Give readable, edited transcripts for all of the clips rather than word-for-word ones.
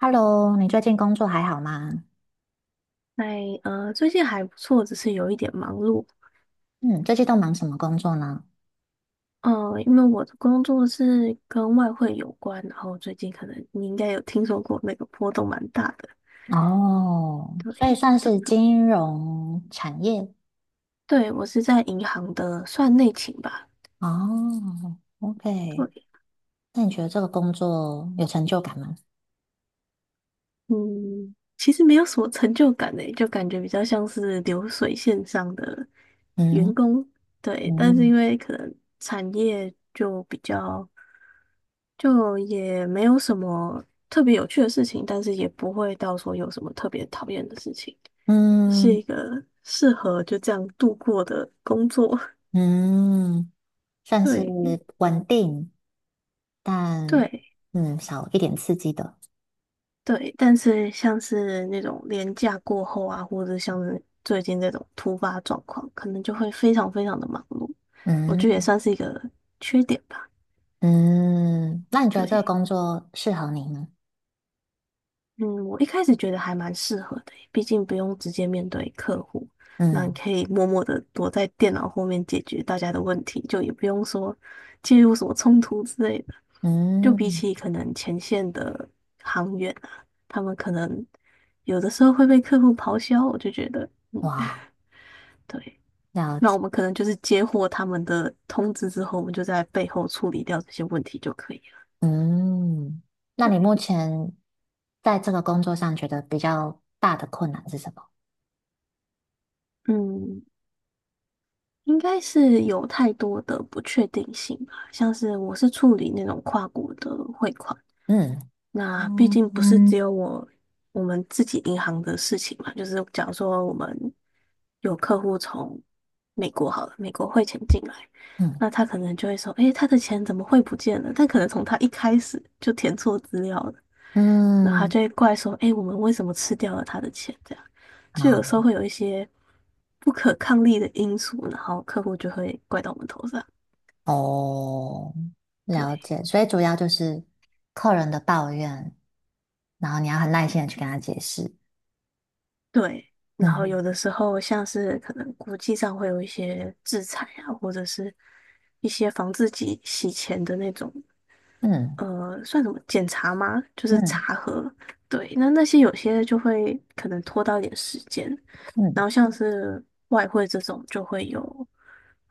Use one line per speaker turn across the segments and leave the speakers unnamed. Hello，你最近工作还好吗？
哎，最近还不错，只是有一点忙碌。
嗯，最近都忙什么工作呢？
嗯、因为我的工作是跟外汇有关，然后最近可能你应该有听说过那个波动蛮大的。
哦，所以
对。
算是金融产业。
对，我是在银行的算内勤吧。
哦，OK，
对。
那你觉得这个工作有成就感吗？
嗯，其实没有什么成就感诶，就感觉比较像是流水线上的
嗯
员工。对，但是因
嗯
为可能产业就比较就也没有什么特别有趣的事情，但是也不会到说有什么特别讨厌的事情，是
嗯
一个适合就这样度过的工作。
嗯，算是
对
稳定，但
对
少一点刺激的。
对，但是像是那种年假过后啊，或者像是最近这种突发状况，可能就会非常非常的忙碌，我觉得也
嗯
算是一个缺点吧。
嗯，那你觉得这个
对。
工作适合你吗？
嗯，我一开始觉得还蛮适合的耶，毕竟不用直接面对客户，那你
嗯
可以默默的躲在电脑后面解决大家的问题，就也不用说介入什么冲突之类的。就比
嗯，
起可能前线的航员啊，他们可能有的时候会被客户咆哮，我就觉得，嗯，
哇。
对，
了
那
解。
我们可能就是接获他们的通知之后，我们就在背后处理掉这些问题就可以了。
嗯，那你目前在这个工作上觉得比较大的困难是什么？
嗯，应该是有太多的不确定性吧，像是我是处理那种跨国的汇款，
嗯
那毕竟不是只有我们自己银行的事情嘛，就是假如说我们有客户从美国好了，美国汇钱进来，
嗯
那他可能就会说，诶，他的钱怎么汇不见了？但可能从他一开始就填错资料了，然后他
嗯，
就会怪说：“哎，我们为什么吃掉了他的钱？”这样，就有
啊
时候会有一些不可抗力的因素，然后客户就会怪到我们头上。
哦，
对
了解。所以主要就是客人的抱怨，然后你要很耐心的去跟他解释。
对，然后
嗯
有的时候像是可能国际上会有一些制裁啊，或者是一些防自己洗钱的那种
嗯
算什么检查吗？就是
嗯
查核。对，那那些有些就会可能拖到一点时间，
嗯
然后像是外汇这种就会有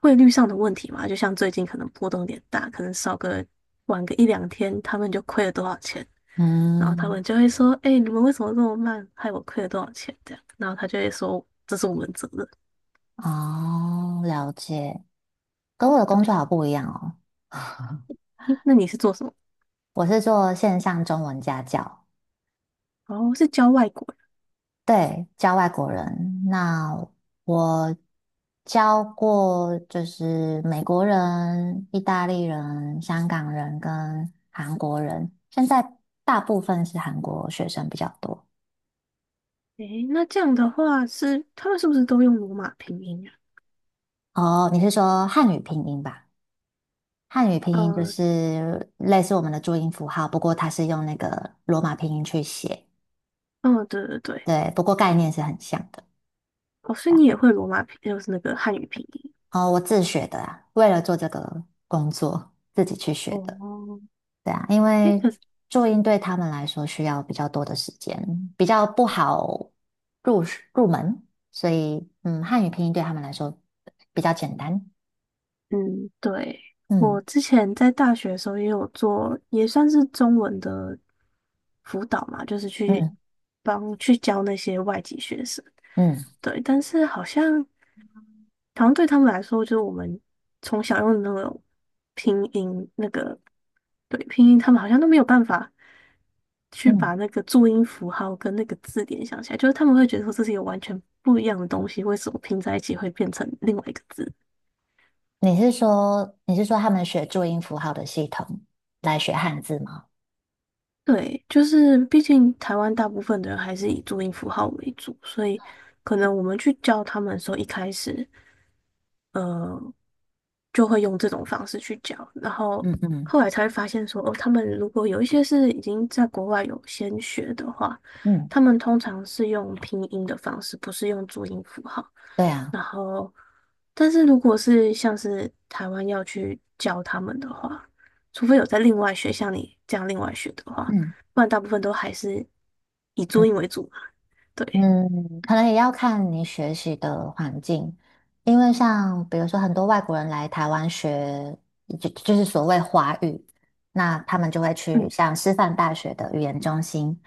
汇率上的问题嘛，就像最近可能波动有点大，可能少个晚个一两天，他们就亏了多少钱，然后他
嗯，
们就会说：“哎、你们为什么这么慢，害我亏了多少钱？”这样，然后他就会说：“这是我们责任。”
哦，了解。跟我的工
对。
作好不一样哦，
诶，那你是做什么？
我是做线上中文家教。
哦，是教外国人。
对，教外国人。那我教过就是美国人、意大利人、香港人跟韩国人，现在大部分是韩国学生比较多。
诶，那这样的话是他们是不是都用罗马拼音啊？
哦，你是说汉语拼音吧？汉语拼音就
呃，
是类似我们的注音符号，不过它是用那个罗马拼音去写。
哦，对对对。
对，不过概念是很像的。
哦，所以你也会罗马拼，就是那个汉语拼音。
哦，我自学的啦，为了做这个工作自己去学的。
哦。
对啊，因
诶，
为
可是，
注音对他们来说需要比较多的时间，比较不好入入门，所以汉语拼音对他们来说比较简单。
嗯，对，我
嗯
之前在大学的时候也有做，也算是中文的辅导嘛，就是去
嗯
帮去教那些外籍学生。
嗯
对，但是好像。好像对他们来说，就是我们从小用的那种拼音，那个对拼音，他们好像都没有办法去把
嗯，
那个注音符号跟那个字典想起来，就是他们会觉得说这是一个完全不一样的东西，为什么拼在一起会变成另外一个字？
你是说他们学注音符号的系统来学汉字吗？
对，就是毕竟台湾大部分的人还是以注音符号为主，所以可能我们去教他们的时候，一开始。呃。就会用这种方式去教，然后
嗯嗯
后来才会发现说，哦，他们如果有一些是已经在国外有先学的话，
嗯，
他们通常是用拼音的方式，不是用注音符号。
对啊，
然后，但是如果是像是台湾要去教他们的话，除非有在另外学，像你这样另外学的话，
嗯
不然大部分都还是以注
嗯。
音为主嘛。对，
嗯，可能也要看你学习的环境，因为像比如说很多外国人来台湾学，就是所谓华语，那他们就会去
嗯
像师范大学的语言中心。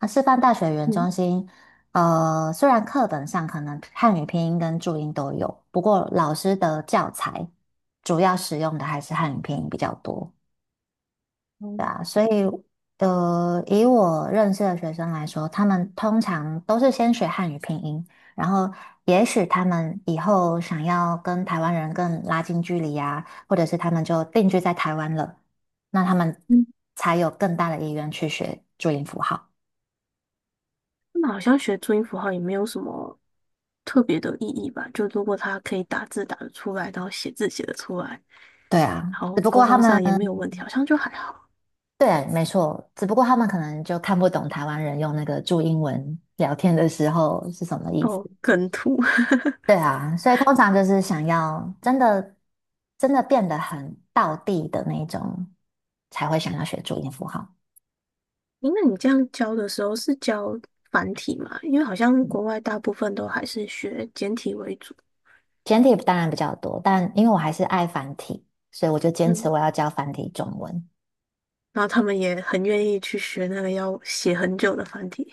那师范大学语言
嗯
中心，虽然课本上可能汉语拼音跟注音都有，不过老师的教材主要使用的还是汉语拼音比较多。对啊，所以以我认识的学生来说，他们通常都是先学汉语拼音，然后也许他们以后想要跟台湾人更拉近距离啊，或者是他们就定居在台湾了，那他们
嗯。
才有更大的意愿去学注音符号。
那好像学注音符号也没有什么特别的意义吧？就如果他可以打字打得出来，然后写字写得出来，
对啊，
然
只
后
不
沟
过他
通
们，
上也没有问题，好像就还好。
对，没错，只不过他们可能就看不懂台湾人用那个注音文聊天的时候是什么意思。
哦，梗图。
对啊，所以通常就是想要真的真的变得很道地的那种，才会想要学注音符号。
诶，那你这样教的时候是教繁体吗？因为好像
嗯，
国外大部分都还是学简体为主。
简体当然比较多，但因为我还是爱繁体，所以我就坚持
嗯，
我要教繁体中文。
然后他们也很愿意去学那个要写很久的繁体。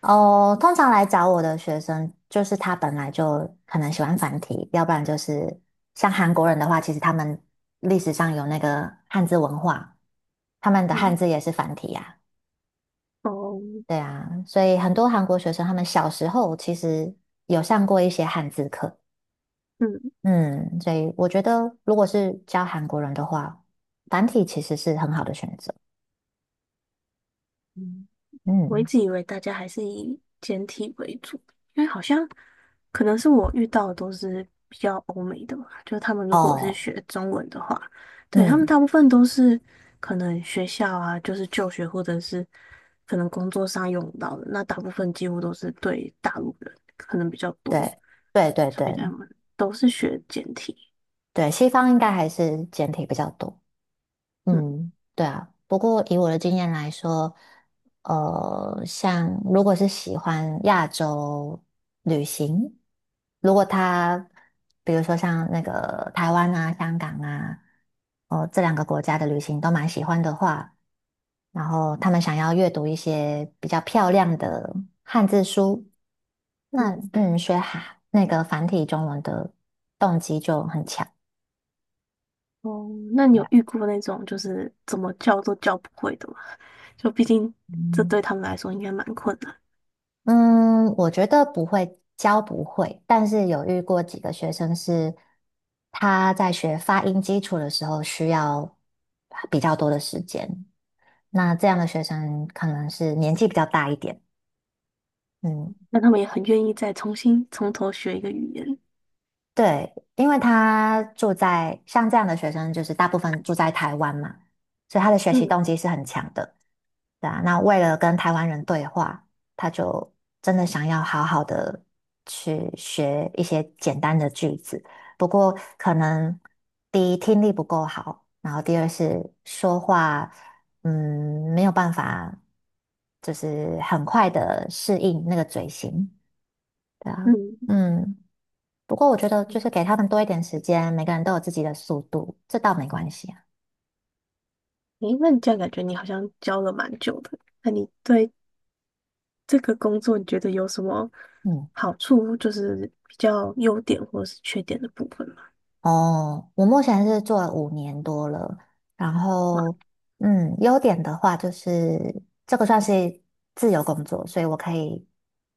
哦，通常来找我的学生，就是他本来就可能喜欢繁体，要不然就是像韩国人的话，其实他们历史上有那个汉字文化，他们的汉
嗯，
字也是繁体呀、
哦，
对啊，所以很多韩国学生他们小时候其实有上过一些汉字课，
嗯
嗯，所以我觉得如果是教韩国人的话，繁体其实是很好的选择，
嗯。我一
嗯，
直以为大家还是以简体为主，因为好像可能是我遇到的都是比较欧美的嘛，就是他们如果是
哦，
学中文的话，对，他们
嗯，
大部分都是可能学校啊，就是就学或者是可能工作上用到的，那大部分几乎都是对大陆人可能比较多，
对，对对
所
对
以他们都是学简体。
对，西方应该还是简体比较多，
嗯。
嗯，对啊。不过以我的经验来说，像如果是喜欢亚洲旅行，如果他比如说像那个台湾啊、香港啊，哦这两个国家的旅行都蛮喜欢的话，然后他们想要阅读一些比较漂亮的汉字书，那
嗯，
学那个繁体中文的动机就很强。
哦，那你
y e
有遇过那种就是怎么叫都叫不会的吗？就毕竟这
嗯。
对他们来说应该蛮困难，
嗯，我觉得不会，教不会，但是有遇过几个学生是他在学发音基础的时候需要比较多的时间，那这样的学生可能是年纪比较大一点，嗯。
但他们也很愿意再重新从头学一个语言。
对，因为他住在像这样的学生，就是大部分住在台湾嘛，所以他的学习
嗯
动机是很强的。对啊，那为了跟台湾人对话，他就真的想要好好的去学一些简单的句子。不过可能第一听力不够好，然后第二是说话，没有办法，就是很快的适应那个嘴型。对啊，
嗯，
嗯。不过我觉得就是给他们多一点时间，每个人都有自己的速度，这倒没关系啊。
诶，那你这样感觉你好像教了蛮久的，那你对这个工作你觉得有什么
嗯，
好处，就是比较优点或者是缺点的部分吗？
哦，我目前是做了5年多了，然
哇。
后优点的话就是这个算是自由工作，所以我可以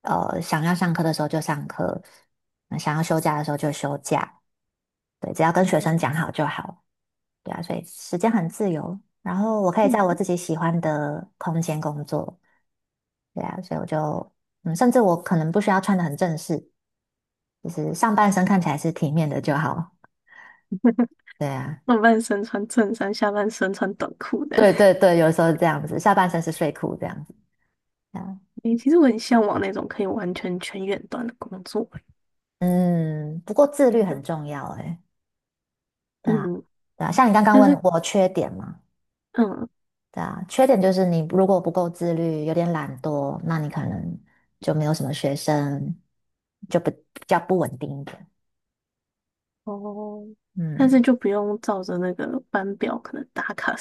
想要上课的时候就上课，那想要休假的时候就休假，对，只要跟学生讲好就好，对啊，所以时间很自由，然后我可以在我
嗯，
自己喜欢的空间工作。对啊，所以我就，甚至我可能不需要穿的很正式，就是上半身看起来是体面的就好。对啊，
上半身穿衬衫，下半身穿短裤的。
对 对对，有时候是这样子，下半身是睡裤这样子。对啊，
诶，其实我很向往那种可以完全全远端的工作欸，
嗯，不过自
所
律
以
很
就
重要诶。对啊，
嗯，
对啊，像你刚刚
但是
问我缺点嘛，
嗯
对啊，缺点就是你如果不够自律，有点懒惰，那你可能就没有什么学生，就不比较不稳定一点。
哦，但
嗯
是就不用照着那个班表可能打卡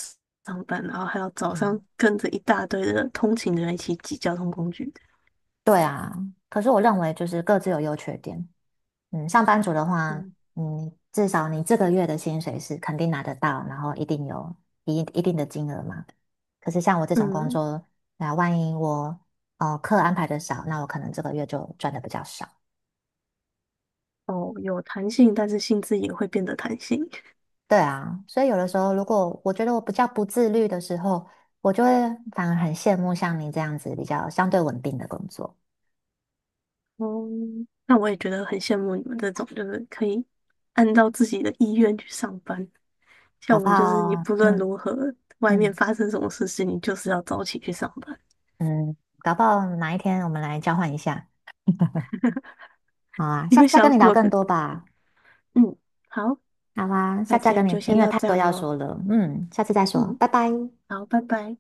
上班，然后还要早上
嗯，
跟着一大堆的通勤的人一起挤交通工具。的。
对啊。可是我认为就是各自有优缺点，嗯，上班族的话，
嗯。
嗯，至少你这个月的薪水是肯定拿得到，然后一定有一定的金额嘛。可是像我这种工
嗯，
作，那万一我哦课安排的少，那我可能这个月就赚的比较少。
哦，有弹性，但是性质也会变得弹性。
对啊，所以有的时候，如果我觉得我比较不自律的时候，我就会反而很羡慕像你这样子比较相对稳定的工作，
哦，那我也觉得很羡慕你们这种，就是可以按照自己的意愿去上班。像
搞
我
不
们就是，你
好，
不论
嗯
如何，外面
嗯
发生什么事情，你就是要早起去上班。
嗯，搞不好哪一天我们来交换一下，好啊，
你
下
会
次再
想
跟
要
你聊
过这
更多
种？
吧。
嗯，好，
好啊，下
那
次再
今
跟
天
你，
就先
因为
到
太
这
多
样
要
咯。
说了，下次再说，
嗯，
拜拜。
好，拜拜。